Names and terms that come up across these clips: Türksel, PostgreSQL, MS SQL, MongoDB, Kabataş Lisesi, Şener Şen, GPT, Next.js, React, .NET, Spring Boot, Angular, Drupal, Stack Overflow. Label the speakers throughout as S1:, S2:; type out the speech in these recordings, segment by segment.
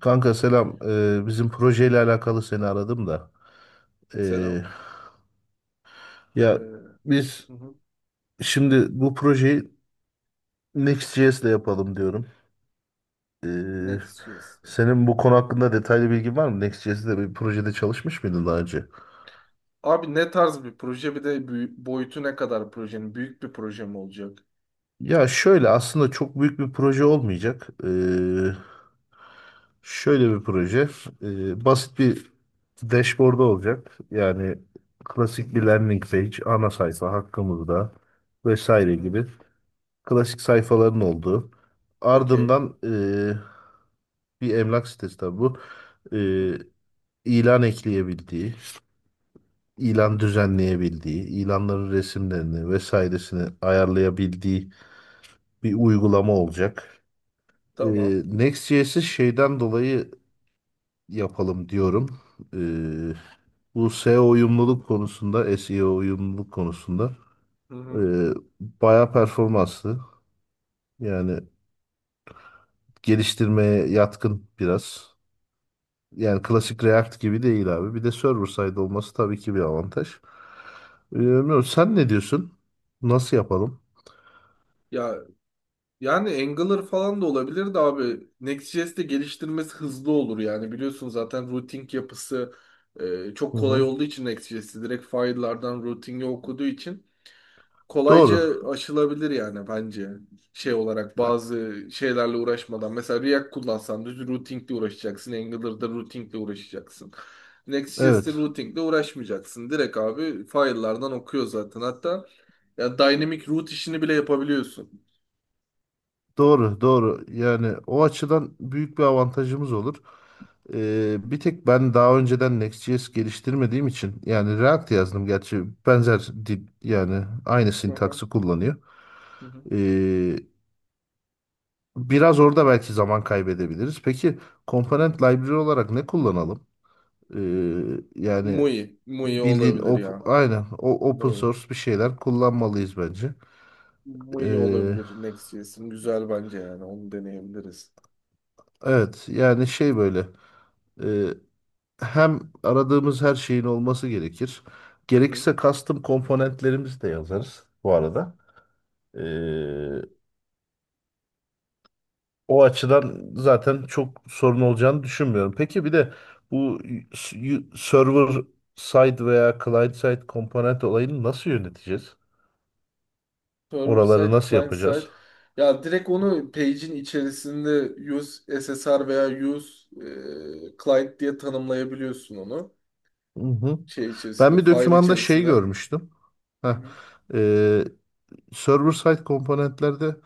S1: Kanka selam. Bizim projeyle alakalı seni aradım da. Ee,
S2: Selam. Ee,
S1: ya
S2: hı
S1: biz
S2: hı.
S1: şimdi bu projeyi Next.js ile yapalım diyorum. Ee,
S2: Next.js.
S1: senin bu konu hakkında detaylı bilgin var mı? Next.js'de bir projede çalışmış mıydın daha önce?
S2: Abi ne tarz bir proje bir de boyutu ne kadar projenin? Büyük bir proje mi olacak?
S1: Ya şöyle aslında çok büyük bir proje olmayacak. Şöyle bir proje. Basit bir dashboard olacak. Yani
S2: Hı
S1: klasik bir
S2: hı.
S1: landing page, ana sayfa hakkımızda vesaire
S2: Hı.
S1: gibi. Klasik sayfaların olduğu.
S2: Okey.
S1: Ardından bir emlak sitesi tabii bu.
S2: Hı hı.
S1: Eee, ilan ekleyebildiği,
S2: Hı hı.
S1: ilan düzenleyebildiği, ilanların resimlerini vesairesini ayarlayabildiği bir uygulama olacak.
S2: Tamam.
S1: Next.js'i şeyden dolayı yapalım diyorum. Eee, bu SEO uyumluluk konusunda, SEO uyumluluk konusunda
S2: Hı hı.
S1: eee bayağı performanslı. Yani geliştirmeye yatkın biraz. Yani
S2: Hı hı.
S1: klasik React gibi değil abi. Bir de server side olması tabii ki bir avantaj. Bilmiyorum, sen ne diyorsun? Nasıl yapalım?
S2: Ya yani Angular falan da olabilir de abi Next.js'te geliştirmesi hızlı olur yani biliyorsun zaten routing yapısı çok
S1: Hı
S2: kolay
S1: hı.
S2: olduğu için Next.js'i direkt file'lardan routing'i okuduğu için
S1: Doğru.
S2: kolayca aşılabilir yani bence. Şey olarak
S1: E-
S2: bazı şeylerle uğraşmadan. Mesela React kullansan düz routingle uğraşacaksın. Angular'da routingle uğraşacaksın. Next.js'te
S1: Evet.
S2: routingle uğraşmayacaksın. Direkt abi file'lardan okuyor zaten. Hatta ya dynamic route işini bile yapabiliyorsun.
S1: Doğru, doğru. Yani o açıdan büyük bir avantajımız olur. Bir tek ben daha önceden Next.js geliştirmediğim için yani React yazdım gerçi benzer dil yani aynı
S2: Hı hı.
S1: sintaksı kullanıyor.
S2: Hı hı.
S1: Ee, biraz orada belki zaman kaybedebiliriz. Peki komponent library olarak ne kullanalım? Ee, yani
S2: Muy, muy
S1: bildiğin
S2: olabilir
S1: op
S2: ya.
S1: aynen o open
S2: Muy.
S1: source bir şeyler kullanmalıyız bence.
S2: Muy
S1: Ee,
S2: olabilir Next.js'in. Güzel bence yani. Onu deneyebiliriz.
S1: evet yani şey böyle e, hem aradığımız her şeyin olması gerekir.
S2: Hı hı.
S1: Gerekirse custom komponentlerimizi de yazarız bu arada. Ee, o açıdan zaten çok sorun olacağını düşünmüyorum. Peki bir de bu server side veya client side komponent olayını nasıl yöneteceğiz?
S2: Server
S1: Oraları
S2: side,
S1: nasıl
S2: client side.
S1: yapacağız?
S2: Ya direkt onu page'in içerisinde use SSR veya use client diye tanımlayabiliyorsun onu.
S1: Hı hı.
S2: Şey
S1: Ben
S2: içerisinde,
S1: bir
S2: file
S1: dokümanda şey
S2: içerisinde. Hı
S1: görmüştüm. Heh.
S2: hı.
S1: Ee, server side komponentlerde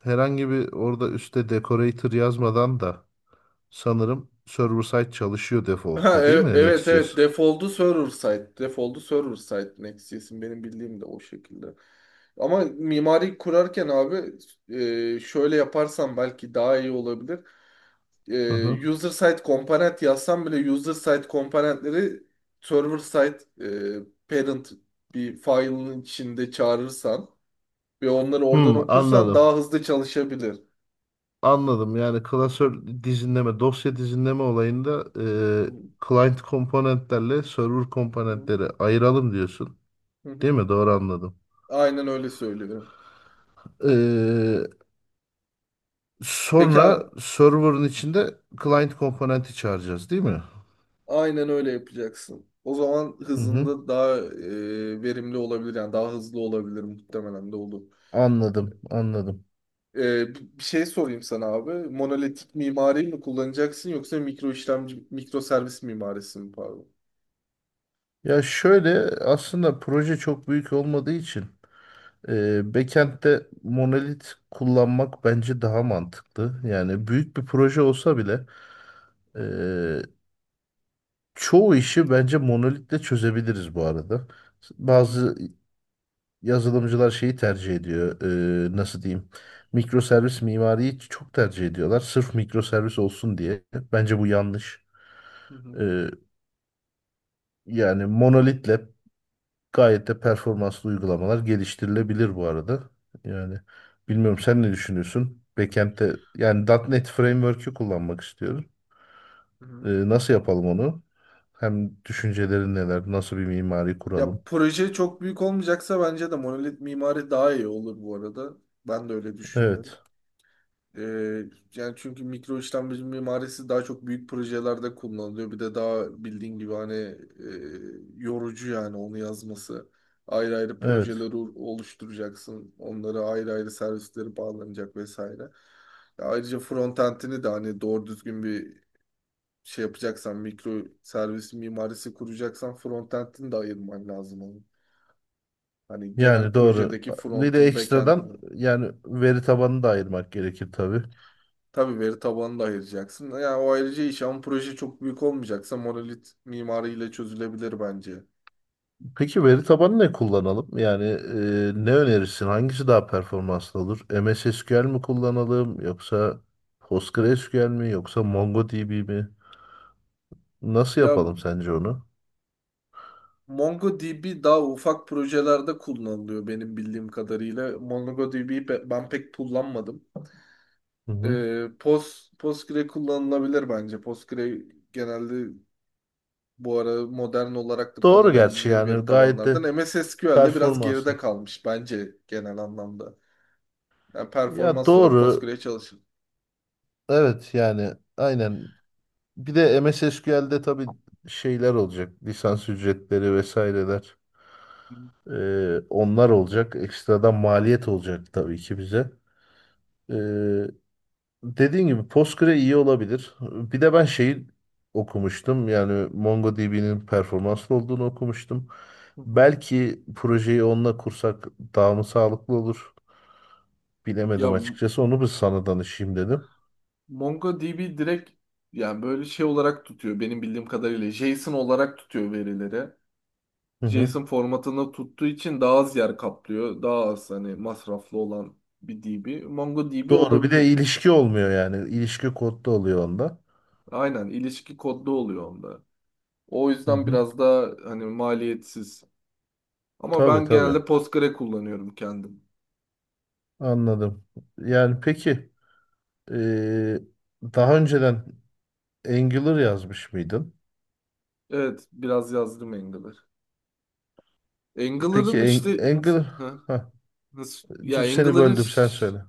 S1: herhangi bir orada üstte decorator yazmadan da sanırım server side çalışıyor
S2: Ha,
S1: defaultta değil mi
S2: evet evet
S1: Next.js?
S2: default'u server side. Default'u server side Next.js'in benim bildiğim de o şekilde. Ama mimari kurarken abi şöyle yaparsan belki daha iyi olabilir.
S1: Hı hı.
S2: User side komponent yazsam bile user side komponentleri server side parent bir file'ın içinde çağırırsan ve onları oradan okursan
S1: Anladım.
S2: daha hızlı çalışabilir.
S1: Anladım. Yani klasör dizinleme, dosya dizinleme olayında
S2: Hı.
S1: client komponentlerle server
S2: Hı
S1: komponentleri ayıralım diyorsun.
S2: hı.
S1: Değil
S2: Hı.
S1: mi? Doğru anladım.
S2: Aynen öyle söylüyorum.
S1: Ee,
S2: Peki,
S1: sonra server'ın içinde client komponenti çağıracağız değil mi?
S2: aynen öyle yapacaksın. O zaman
S1: Hı hı.
S2: hızında daha verimli olabilir yani daha hızlı olabilir muhtemelen de olur.
S1: Anladım, anladım.
S2: Bir şey sorayım sana abi. Monolitik mimariyi mi kullanacaksın yoksa mikro işlemci, mikro servis mimarisi mi pardon?
S1: Ya şöyle aslında proje çok büyük olmadığı için backend'de monolit kullanmak bence daha mantıklı. Yani büyük bir proje olsa bile e, çoğu işi bence monolitle çözebiliriz bu arada.
S2: Hı hı,
S1: Bazı yazılımcılar şeyi tercih ediyor. Nasıl diyeyim? Mikroservis mimariyi çok tercih ediyorlar. Sırf mikroservis olsun diye. Bence bu yanlış.
S2: hı hı,
S1: E, yani monolitle gayet de performanslı uygulamalar geliştirilebilir bu arada. Yani bilmiyorum sen ne düşünüyorsun? Backend'de yani .nokta .NET Framework'ü kullanmak istiyorum.
S2: hı
S1: Ee,
S2: hı.
S1: nasıl yapalım onu? Hem düşüncelerin neler? Nasıl bir mimari
S2: Ya
S1: kuralım?
S2: proje çok büyük olmayacaksa bence de monolit mimari daha iyi olur bu arada. Ben de öyle düşünüyorum.
S1: Evet.
S2: Ee, yani çünkü mikro işlemci mimarisi daha çok büyük projelerde kullanılıyor. Bir de daha bildiğin gibi hani yorucu yani onu yazması. Ayrı ayrı
S1: Evet.
S2: projeleri oluşturacaksın. Onlara ayrı ayrı servisleri bağlanacak vesaire. Ya ayrıca frontend'ini de hani doğru düzgün bir şey yapacaksan, mikro servis mimarisi kuracaksan frontend'ini de ayırman lazım onun. Hani genel
S1: Yani doğru.
S2: projedeki
S1: Bir de
S2: front'un
S1: ekstradan
S2: backend'ini.
S1: yani veri tabanını da ayırmak gerekir tabii.
S2: Tabii veri tabanını da ayıracaksın. Yani o ayrıca iş ama proje çok büyük olmayacaksa monolit mimariyle çözülebilir bence.
S1: Peki veri tabanı ne kullanalım? Yani ne önerirsin? Hangisi daha performanslı olur? MS SQL mi kullanalım yoksa PostgreSQL mi yoksa MongoDB mi? Nasıl
S2: Ya
S1: yapalım sence onu?
S2: MongoDB daha ufak projelerde kullanılıyor benim bildiğim kadarıyla. MongoDB'yi ben pek kullanmadım.
S1: Hı hı.
S2: Postgre kullanılabilir bence. Postgre genelde bu ara modern olarak da
S1: Doğru gerçi
S2: kullanabileceğini veri
S1: yani gayet de
S2: tabanlardan. MS SQL'de biraz geride
S1: performanslı.
S2: kalmış bence genel anlamda. Yani
S1: Ya
S2: performans olarak
S1: doğru.
S2: Postgre çalışır.
S1: Evet yani aynen. Bir de MS SQL'de tabii şeyler olacak. Lisans ücretleri vesaireler. E, onlar olacak. Ekstradan maliyet olacak tabii ki bize. Ee, Dediğin gibi Postgre iyi olabilir. Bir de ben şeyi okumuştum. Yani MongoDB'nin performanslı olduğunu okumuştum.
S2: Hı hı.
S1: Belki projeyi onunla kursak daha mı sağlıklı olur?
S2: Ya
S1: Bilemedim açıkçası. Onu bir sana danışayım dedim.
S2: MongoDB direkt yani böyle şey olarak tutuyor benim bildiğim kadarıyla. JSON olarak tutuyor verileri.
S1: Hı hı.
S2: JSON formatında tuttuğu için daha az yer kaplıyor. Daha az hani masraflı olan bir DB. MongoDB
S1: Doğru. Bir de
S2: olabilir.
S1: ilişki olmuyor yani. İlişki kodda oluyor onda.
S2: Aynen ilişki kodlu oluyor onda. O
S1: Hı
S2: yüzden
S1: hı.
S2: biraz daha hani maliyetsiz. Ama
S1: Tabii
S2: ben
S1: tabii.
S2: genelde Postgre kullanıyorum kendim.
S1: Anladım. Yani peki eee, daha önceden Angular yazmış mıydın?
S2: Evet biraz yazdım Angular.
S1: Peki
S2: Angular'ın işte.
S1: Angular...
S2: Heh,
S1: Heh,
S2: nasıl ya,
S1: seni
S2: Angular'ın.
S1: böldüm sen söyle.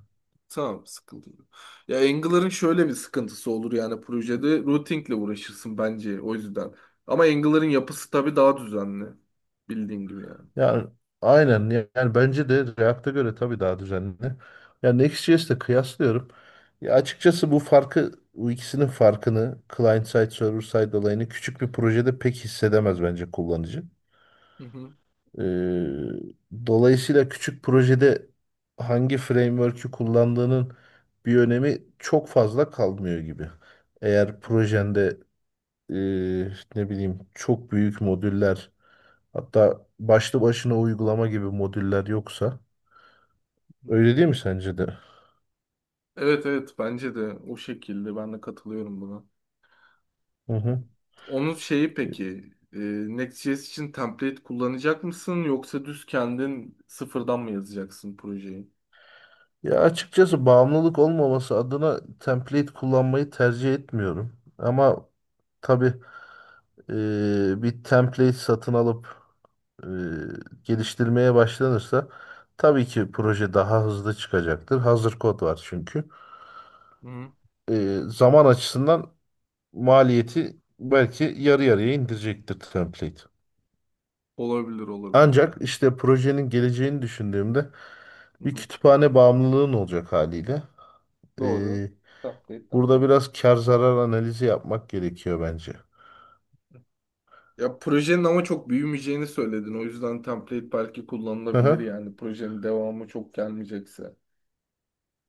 S2: Tamam, sıkıntı yok. Ya Angler'ın şöyle bir sıkıntısı olur yani projede routingle uğraşırsın bence o yüzden. Ama Angler'ın yapısı tabii daha düzenli. Bildiğin gibi yani.
S1: Yani aynen yani bence de React'a göre tabii daha düzenli. Yani Next.js'le kıyaslıyorum. Ya açıkçası bu farkı bu ikisinin farkını client side server side olayını küçük bir projede pek hissedemez bence kullanıcı.
S2: Hı hı.
S1: Ee, dolayısıyla küçük projede hangi framework'ü kullandığının bir önemi çok fazla kalmıyor gibi. Eğer
S2: Hı
S1: projende e, ne bileyim çok büyük modüller hatta başlı başına uygulama gibi modüller yoksa.
S2: hı.
S1: Öyle değil mi sence de?
S2: Evet evet bence de o şekilde ben de katılıyorum buna.
S1: Hı
S2: Evet.
S1: hı.
S2: Onun şeyi peki, Next.js için template kullanacak mısın yoksa düz kendin sıfırdan mı yazacaksın projeyi?
S1: Ya açıkçası bağımlılık olmaması adına template kullanmayı tercih etmiyorum. Ama tabii bir template satın alıp e, geliştirmeye başlanırsa tabii ki proje daha hızlı çıkacaktır. Hazır kod var çünkü.
S2: Hı hı.
S1: Zaman açısından maliyeti belki yarı yarıya indirecektir template.
S2: Olabilir olabilir
S1: Ancak
S2: yani.
S1: işte projenin geleceğini düşündüğümde
S2: Hı
S1: bir
S2: hı.
S1: kütüphane bağımlılığın olacak haliyle.
S2: Doğru.
S1: Ee,
S2: Template'den
S1: burada
S2: kaynaklı.
S1: biraz kar zarar analizi yapmak gerekiyor bence.
S2: Ya projenin ama çok büyümeyeceğini söyledin. O yüzden template belki kullanılabilir
S1: Aha.
S2: yani. Projenin devamı çok gelmeyecekse.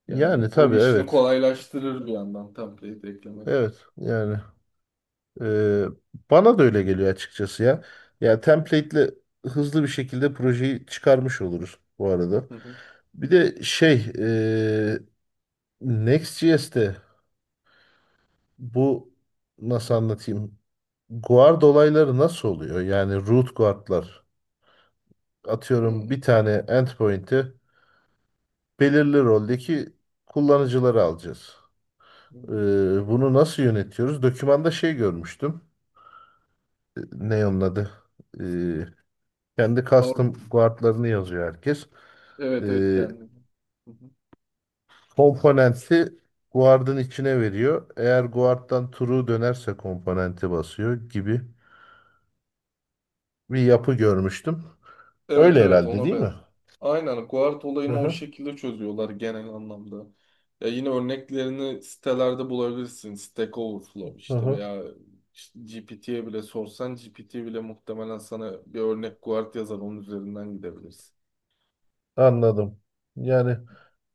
S2: Yani
S1: Yani
S2: o
S1: tabii
S2: işini
S1: evet.
S2: kolaylaştırır bir yandan template eklemek.
S1: Evet yani ee, bana da öyle geliyor açıkçası ya. Ya template'le hızlı bir şekilde projeyi çıkarmış oluruz bu arada.
S2: Hı hı.
S1: Bir de şey Next.js'te bu nasıl anlatayım? Guard olayları nasıl oluyor? Yani root guardlar. Atıyorum
S2: Hı
S1: bir tane endpoint'i belirli roldeki kullanıcıları alacağız. Ee,
S2: hı.
S1: bunu nasıl yönetiyoruz? Dokümanda şey görmüştüm. Ne onun adı? Ee, kendi
S2: Or-
S1: custom guardlarını yazıyor herkes.
S2: evet evet
S1: Ee,
S2: kendim.
S1: komponenti guard'ın içine veriyor. Eğer guard'dan true dönerse komponenti basıyor gibi bir yapı görmüştüm.
S2: Evet
S1: Öyle
S2: evet
S1: herhalde
S2: ona
S1: değil mi?
S2: benzer. Aynen guard
S1: Hı
S2: olayını o
S1: hı.
S2: şekilde çözüyorlar genel anlamda. Ya yine örneklerini sitelerde bulabilirsin. Stack Overflow
S1: hı
S2: işte
S1: hı.
S2: veya GPT'ye bile sorsan GPT bile muhtemelen sana bir örnek guard yazar onun üzerinden gidebilirsin.
S1: Anladım. Yani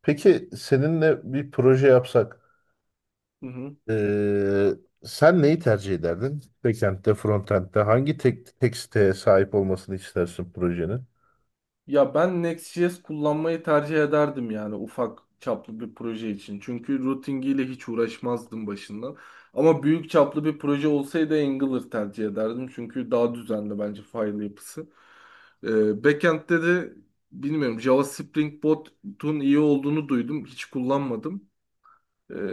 S1: peki seninle bir proje yapsak
S2: Hı hı.
S1: eee, sen neyi tercih ederdin? Backend'de, frontend'de hangi tek siteye sahip olmasını istersin projenin?
S2: Ya ben Next.js kullanmayı tercih ederdim yani ufak çaplı bir proje için. Çünkü routingiyle hiç uğraşmazdım başından. Ama büyük çaplı bir proje olsaydı Angular tercih ederdim. Çünkü daha düzenli bence file yapısı. Backend'de de bilmiyorum Java Spring Boot'un iyi olduğunu duydum. Hiç kullanmadım.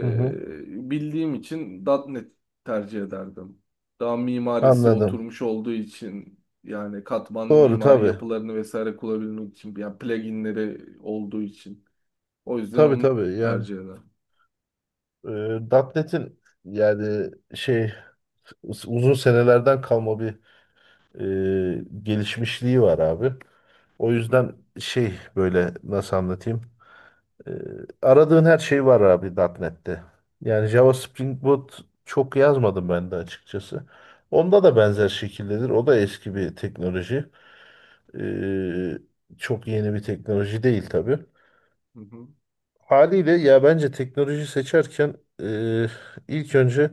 S1: Hı hı.
S2: bildiğim için .nokta .NET tercih ederdim. Daha mimarisi
S1: Anladım.
S2: oturmuş olduğu için yani katmanlı
S1: Doğru
S2: mimari
S1: tabii.
S2: yapılarını vesaire kullanabilmek için yani pluginleri olduğu için. O yüzden
S1: Tabii
S2: onu
S1: tabii yani
S2: tercih ederim.
S1: .nokta .NET'in yani şey uzun senelerden kalma bir gelişmişliği var abi. O
S2: Hı hı,
S1: yüzden şey böyle nasıl anlatayım? Ee, aradığın her şey var abi .nokta .NET'te. Yani Java Spring Boot çok yazmadım ben de açıkçası. Onda da benzer şekildedir. O da eski bir teknoloji. Ee, çok yeni bir teknoloji değil tabii.
S2: hı hı.
S1: Haliyle ya bence teknoloji seçerken e, ilk önce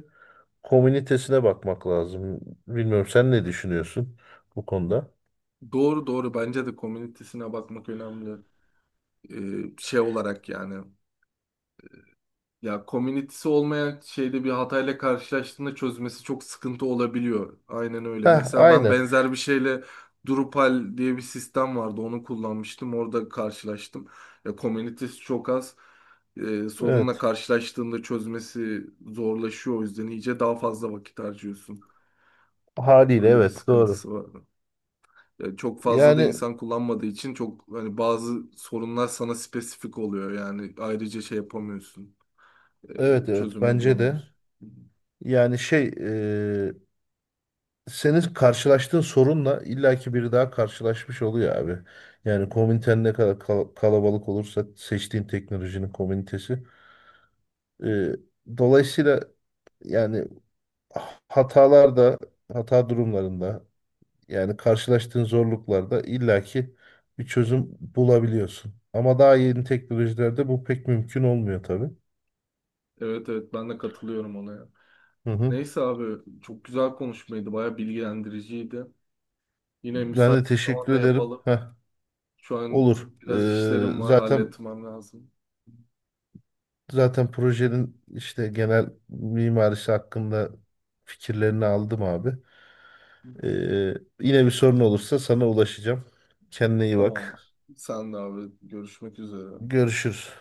S1: komünitesine bakmak lazım. Bilmiyorum sen ne düşünüyorsun bu konuda?
S2: Doğru doğru bence de komünitesine bakmak önemli. Şey olarak yani. Ya komünitesi olmayan şeyde bir hatayla karşılaştığında çözmesi çok sıkıntı olabiliyor. Aynen öyle.
S1: Heh,
S2: Mesela ben
S1: aynen.
S2: benzer bir şeyle Drupal diye bir sistem vardı. Onu kullanmıştım. Orada karşılaştım. Ya komünitesi çok az. Sorunla
S1: Evet.
S2: karşılaştığında çözmesi zorlaşıyor. O yüzden iyice daha fazla vakit harcıyorsun.
S1: Haliyle
S2: Öyle bir
S1: evet doğru.
S2: sıkıntısı var. Ya çok fazla da
S1: Yani
S2: insan kullanmadığı için çok hani bazı sorunlar sana spesifik oluyor. Yani ayrıca şey yapamıyorsun.
S1: evet
S2: Ee,
S1: evet
S2: çözümünü
S1: bence de.
S2: bulamıyorsun.
S1: Yani şey e, senin karşılaştığın sorunla illaki biri daha karşılaşmış oluyor abi. Yani komüniten ne kadar kalabalık olursa seçtiğin teknolojinin komünitesi. e, dolayısıyla yani hatalarda, hata durumlarında yani karşılaştığın zorluklarda illaki bir çözüm bulabiliyorsun. Ama daha yeni teknolojilerde bu pek mümkün olmuyor tabii.
S2: Evet evet ben de katılıyorum ona ya.
S1: Hı hı.
S2: Neyse abi çok güzel konuşmaydı. Baya bilgilendiriciydi. Yine
S1: Ben
S2: müsait
S1: de
S2: bir
S1: teşekkür
S2: zamanda
S1: ederim.
S2: yapalım.
S1: Heh,
S2: Şu an
S1: olur.
S2: biraz işlerim
S1: Ee,
S2: var,
S1: zaten
S2: halletmem lazım.
S1: Zaten projenin işte genel mimarisi hakkında fikirlerini aldım abi. Ee, yine bir sorun olursa sana ulaşacağım. Kendine iyi bak.
S2: Tamamdır. Sen de abi, görüşmek üzere.
S1: Görüşürüz.